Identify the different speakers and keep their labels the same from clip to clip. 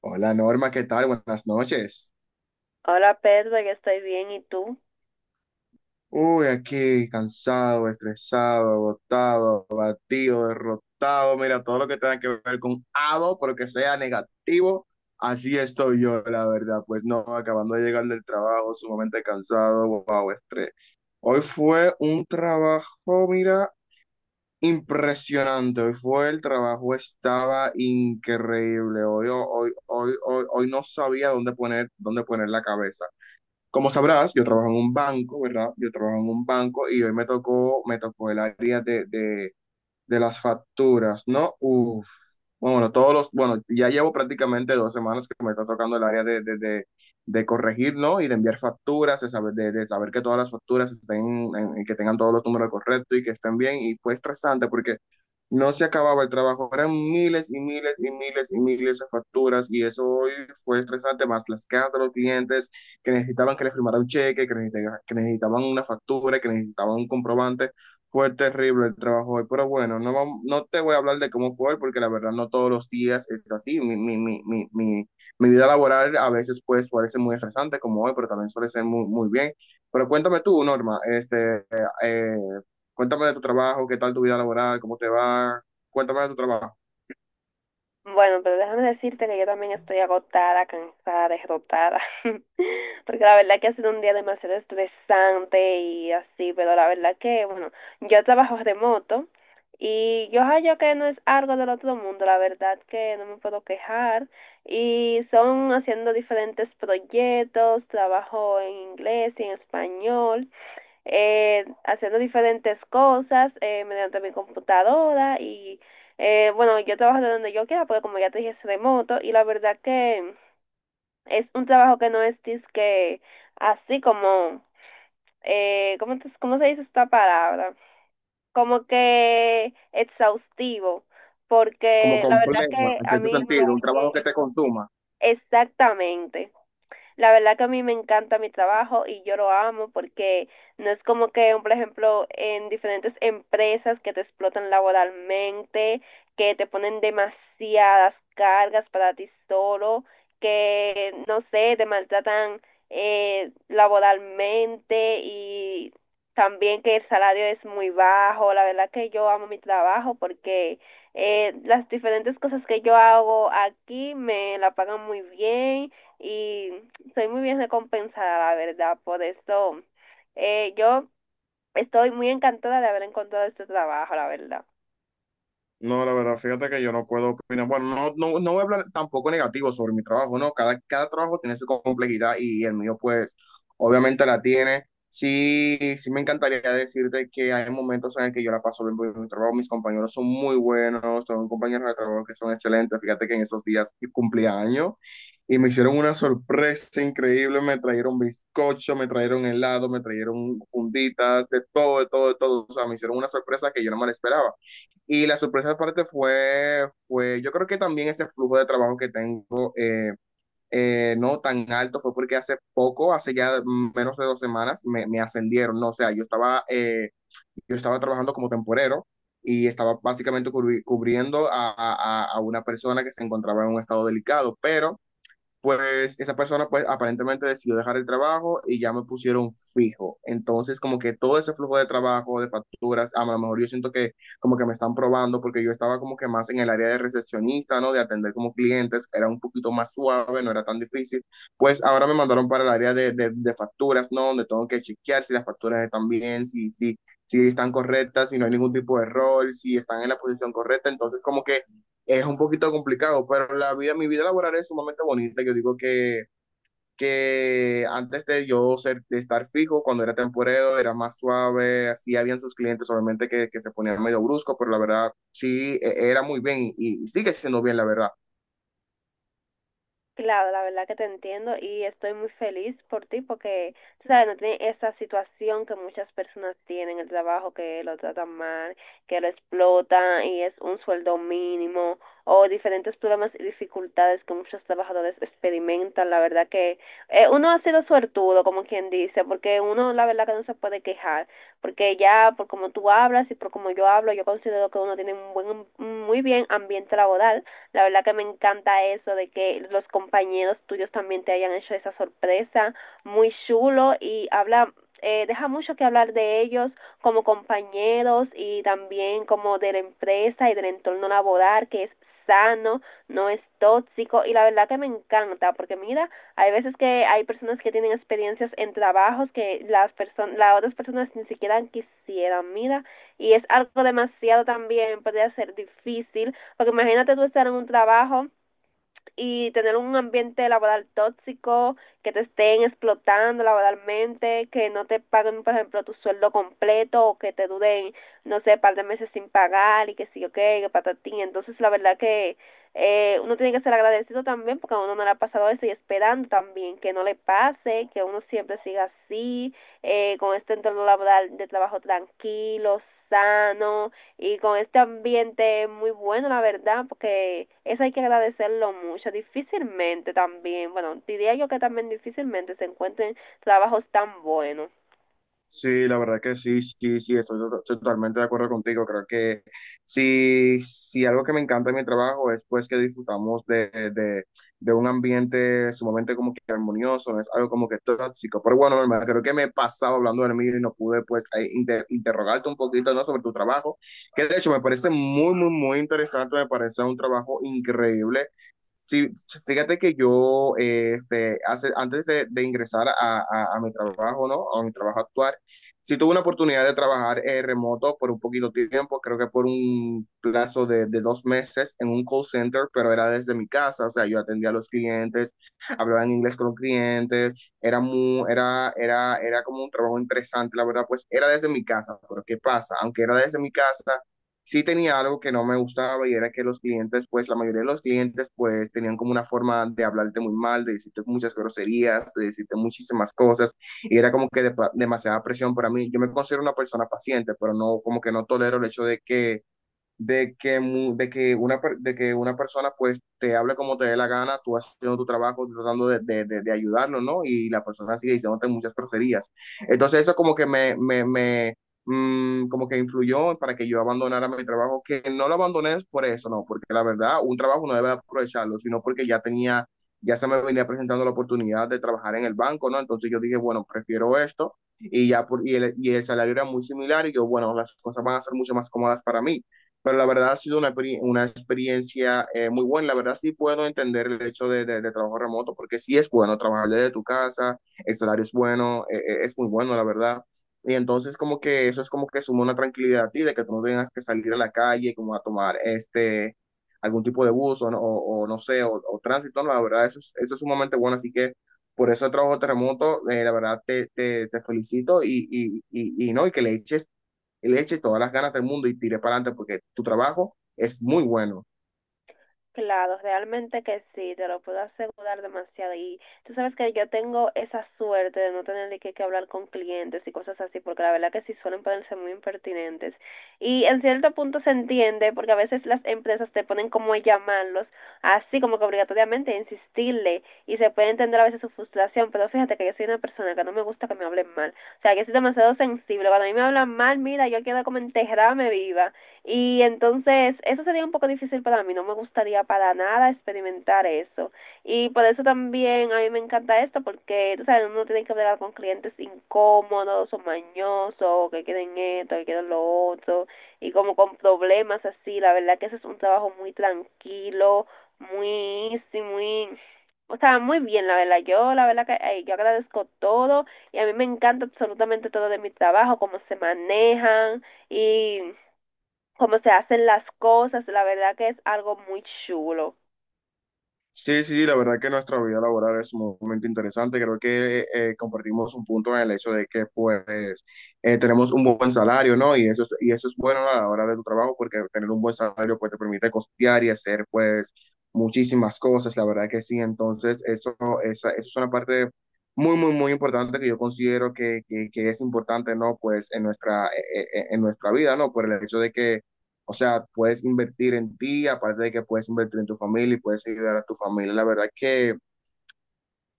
Speaker 1: Hola Norma, ¿qué tal? Buenas noches.
Speaker 2: Hola Pedro, yo estoy bien, ¿y tú?
Speaker 1: Uy, aquí cansado, estresado, agotado, abatido, derrotado. Mira, todo lo que tenga que ver con ado, pero que sea negativo, así estoy yo, la verdad. Pues no, acabando de llegar del trabajo, sumamente cansado, wow, estrés. Hoy fue un trabajo, mira, impresionante. Hoy fue el trabajo, estaba increíble. Hoy no sabía dónde poner la cabeza. Como sabrás, yo trabajo en un banco, ¿verdad? Yo trabajo en un banco y hoy me tocó el área de las facturas, ¿no? Uf. Bueno, ya llevo prácticamente 2 semanas que me está tocando el área de corregir, ¿no? Y de enviar facturas, de saber, de saber que todas las facturas estén, en que tengan todos los números correctos y que estén bien. Y fue estresante porque no se acababa el trabajo, eran miles y miles y miles y miles de facturas y eso hoy fue estresante, más las quejas de los clientes que necesitaban que les firmara un cheque, que necesitaban una factura, que necesitaban un comprobante. Fue terrible el trabajo hoy, pero bueno, no, no te voy a hablar de cómo fue hoy, porque la verdad no todos los días es así. Mi vida laboral a veces pues parece muy estresante como hoy, pero también suele ser muy, muy bien. Pero cuéntame tú, Norma, este, eh, cuéntame de tu trabajo, qué tal tu vida laboral, cómo te va, cuéntame de tu trabajo,
Speaker 2: Bueno, pero déjame decirte que yo también estoy agotada, cansada, derrotada, porque la verdad que ha sido un día demasiado estresante y así, pero la verdad que, bueno, yo trabajo remoto y yo hallo que no es algo del otro mundo, la verdad que no me puedo quejar y son haciendo diferentes proyectos, trabajo en inglés y en español. Haciendo diferentes cosas, mediante mi computadora y bueno, yo trabajo de donde yo quiera porque como ya te dije es remoto y la verdad que es un trabajo que no es que así como, ¿cómo se dice esta palabra? Como que exhaustivo,
Speaker 1: como
Speaker 2: porque la verdad
Speaker 1: complejo,
Speaker 2: que
Speaker 1: en
Speaker 2: a
Speaker 1: cierto
Speaker 2: mí me va
Speaker 1: sentido, un trabajo que
Speaker 2: bien.
Speaker 1: te consuma.
Speaker 2: Exactamente. La verdad que a mí me encanta mi trabajo y yo lo amo porque no es como que, por ejemplo, en diferentes empresas que te explotan laboralmente, que te ponen demasiadas cargas para ti solo, que, no sé, te maltratan laboralmente, y también que el salario es muy bajo. La verdad que yo amo mi trabajo porque las diferentes cosas que yo hago aquí me la pagan muy bien y soy muy bien recompensada, la verdad. Por eso yo estoy muy encantada de haber encontrado este trabajo, la verdad.
Speaker 1: No, la verdad, fíjate que yo no puedo opinar. Bueno, no voy a hablar tampoco negativo sobre mi trabajo, ¿no? Cada trabajo tiene su complejidad y el mío, pues, obviamente la tiene. Sí, sí me encantaría decirte que hay momentos en el que yo la paso bien por mi trabajo. Mis compañeros son muy buenos, son compañeros de trabajo que son excelentes. Fíjate que en esos días cumpleaños y me hicieron una sorpresa increíble. Me trajeron bizcocho, me trajeron helado, me trajeron funditas, de todo, de todo, de todo. O sea, me hicieron una sorpresa que yo no me la esperaba. Y la sorpresa aparte yo creo que también ese flujo de trabajo que tengo no tan alto fue porque hace poco, hace ya menos de 2 semanas, me ascendieron, ¿no? O sea, yo estaba trabajando como temporero y estaba básicamente cubriendo a una persona que se encontraba en un estado delicado, pero pues esa persona pues aparentemente decidió dejar el trabajo y ya me pusieron fijo. Entonces como que todo ese flujo de trabajo, de facturas, a lo mejor yo siento que como que me están probando porque yo estaba como que más en el área de recepcionista, ¿no? De atender como clientes, era un poquito más suave, no era tan difícil. Pues ahora me mandaron para el área de facturas, ¿no? Donde tengo que chequear si las facturas están bien, si están correctas, si no hay ningún tipo de error, si están en la posición correcta. Entonces como que es un poquito complicado, pero la vida, mi vida laboral es sumamente bonita. Yo digo que antes de yo ser, de estar fijo, cuando era temporero, era más suave, así habían sus clientes, obviamente que se ponían medio brusco, pero la verdad sí, era muy bien y sigue siendo bien, la verdad.
Speaker 2: Claro, la verdad que te entiendo y estoy muy feliz por ti porque, tú sabes, no tiene esa situación que muchas personas tienen en el trabajo, que lo tratan mal, que lo explotan y es un sueldo mínimo o diferentes problemas y dificultades que muchos trabajadores experimentan. La verdad que uno ha sido suertudo, como quien dice, porque uno la verdad que no se puede quejar, porque ya por como tú hablas y por como yo hablo, yo considero que uno tiene un buen, un muy bien ambiente laboral. La verdad que me encanta eso de que los compañeros tuyos también te hayan hecho esa sorpresa, muy chulo, y habla, deja mucho que hablar de ellos como compañeros y también como de la empresa y del entorno laboral, que es sano, no es tóxico, y la verdad que me encanta porque mira, hay veces que hay personas que tienen experiencias en trabajos que las personas, las otras personas ni siquiera quisieran, mira, y es algo demasiado también, podría ser difícil porque imagínate tú estar en un trabajo y tener un ambiente laboral tóxico, que te estén explotando laboralmente, que no te paguen, por ejemplo, tu sueldo completo, o que te duren, no sé, par de meses sin pagar y que sí, ok, que patatín. Entonces, la verdad que uno tiene que ser agradecido también porque a uno no le ha pasado eso, y esperando también que no le pase, que uno siempre siga así, con este entorno laboral de trabajo tranquilo, sano, y con este ambiente muy bueno, la verdad, porque eso hay que agradecerlo mucho. Difícilmente también, bueno, diría yo que también difícilmente se encuentren trabajos tan buenos.
Speaker 1: Sí, la verdad que sí, sí, sí, estoy, estoy totalmente de acuerdo contigo. Creo que sí, sí, algo que me encanta de mi trabajo es pues que disfrutamos de un ambiente sumamente como que armonioso, no es algo como que tóxico. Pero bueno, hermano, creo que me he pasado hablando del mío y no pude pues ahí interrogarte un poquito, ¿no?, sobre tu trabajo, que de hecho me parece muy, muy, muy interesante, me parece un trabajo increíble. Sí, fíjate que yo, este, hace, antes de ingresar a mi trabajo, ¿no? A mi trabajo actual, sí tuve una oportunidad de trabajar remoto por un poquito de tiempo, creo que por un plazo de 2 meses en un call center, pero era desde mi casa, o sea, yo atendía a los clientes, hablaba en inglés con los clientes, era muy, era como un trabajo interesante, la verdad, pues era desde mi casa, pero ¿qué pasa? Aunque era desde mi casa, sí tenía algo que no me gustaba y era que los clientes, pues la mayoría de los clientes, pues tenían como una forma de hablarte muy mal, de decirte muchas groserías, de decirte muchísimas cosas y era como que de, demasiada presión para mí. Yo me considero una persona paciente, pero no, como que no tolero el hecho de que, mu- de que, una, per- de que una persona pues te hable como te dé la gana, tú haciendo tu trabajo, tratando de ayudarlo, ¿no? Y la persona sigue diciéndote muchas groserías. Entonces eso como que como que influyó para que yo abandonara mi trabajo, que no lo abandoné por eso, ¿no? Porque la verdad, un trabajo no debe aprovecharlo, sino porque ya tenía, ya se me venía presentando la oportunidad de trabajar en el banco, ¿no? Entonces yo dije, bueno, prefiero esto. Y el salario era muy similar y yo, bueno, las cosas van a ser mucho más cómodas para mí. Pero la verdad ha sido una experiencia muy buena. La verdad sí puedo entender el hecho de trabajo remoto, porque sí es bueno trabajar desde tu casa, el salario es bueno, es muy bueno, la verdad. Y entonces como que eso es como que suma una tranquilidad a ti, de que tú no tengas que salir a la calle como a tomar este, algún tipo de bus o no sé, o tránsito. No, la verdad eso es sumamente bueno. Así que por eso el trabajo de remoto, la verdad te felicito y, no, y que le eche todas las ganas del mundo y tire para adelante porque tu trabajo es muy bueno.
Speaker 2: Claro, realmente que sí, te lo puedo asegurar demasiado. Y tú sabes que yo tengo esa suerte de no tener que hablar con clientes y cosas así, porque la verdad que sí suelen ponerse muy impertinentes. Y en cierto punto se entiende, porque a veces las empresas te ponen como a llamarlos, así como que obligatoriamente a insistirle, y se puede entender a veces su frustración, pero fíjate que yo soy una persona que no me gusta que me hablen mal. O sea, yo soy demasiado sensible. Cuando a mí me hablan mal, mira, yo quiero como enterrarme viva. Y entonces eso sería un poco difícil para mí, no me gustaría para nada experimentar eso. Y por eso también a mí me encanta esto, porque tú sabes, uno tiene que hablar con clientes incómodos o mañosos, que quieren esto, que quieren lo otro, y como con problemas así. La verdad que ese es un trabajo muy tranquilo, muy easy, muy... O sea, muy bien, la verdad. Yo, la verdad que ay, yo agradezco todo y a mí me encanta absolutamente todo de mi trabajo, cómo se manejan y cómo se hacen las cosas, la verdad que es algo muy chulo.
Speaker 1: Sí, sí, la verdad que nuestra vida laboral es un momento interesante. Creo que compartimos un punto en el hecho de que pues tenemos un buen salario, ¿no? Y eso es bueno a la hora de tu trabajo porque tener un buen salario pues te permite costear y hacer pues muchísimas cosas, la verdad que sí. Entonces, eso es una parte muy, muy, muy importante que yo considero que es importante, ¿no? Pues en nuestra vida, ¿no? Por el hecho de que o sea, puedes invertir en ti, aparte de que puedes invertir en tu familia y puedes ayudar a tu familia. La verdad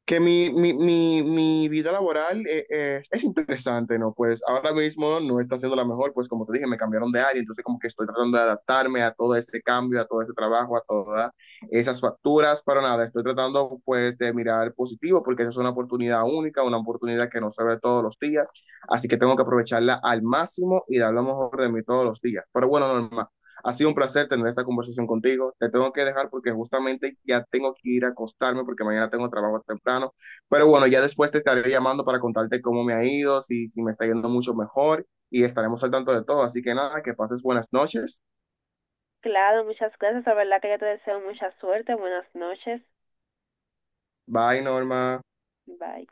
Speaker 1: que mi vida laboral es interesante, ¿no? Pues ahora mismo no está siendo la mejor, pues como te dije, me cambiaron de área, entonces como que estoy tratando de adaptarme a todo ese cambio, a todo ese trabajo, a todas esas facturas, pero nada, estoy tratando pues de mirar positivo porque esa es una oportunidad única, una oportunidad que no se ve todos los días, así que tengo que aprovecharla al máximo y dar lo mejor de mí todos los días. Pero bueno, Norma. Ha sido un placer tener esta conversación contigo. Te tengo que dejar porque justamente ya tengo que ir a acostarme porque mañana tengo trabajo temprano. Pero bueno, ya después te estaré llamando para contarte cómo me ha ido, si me está yendo mucho mejor y estaremos al tanto de todo. Así que nada, que pases buenas noches.
Speaker 2: Claro, muchas gracias, la verdad que yo te deseo mucha suerte, buenas noches,
Speaker 1: Bye, Norma.
Speaker 2: bye.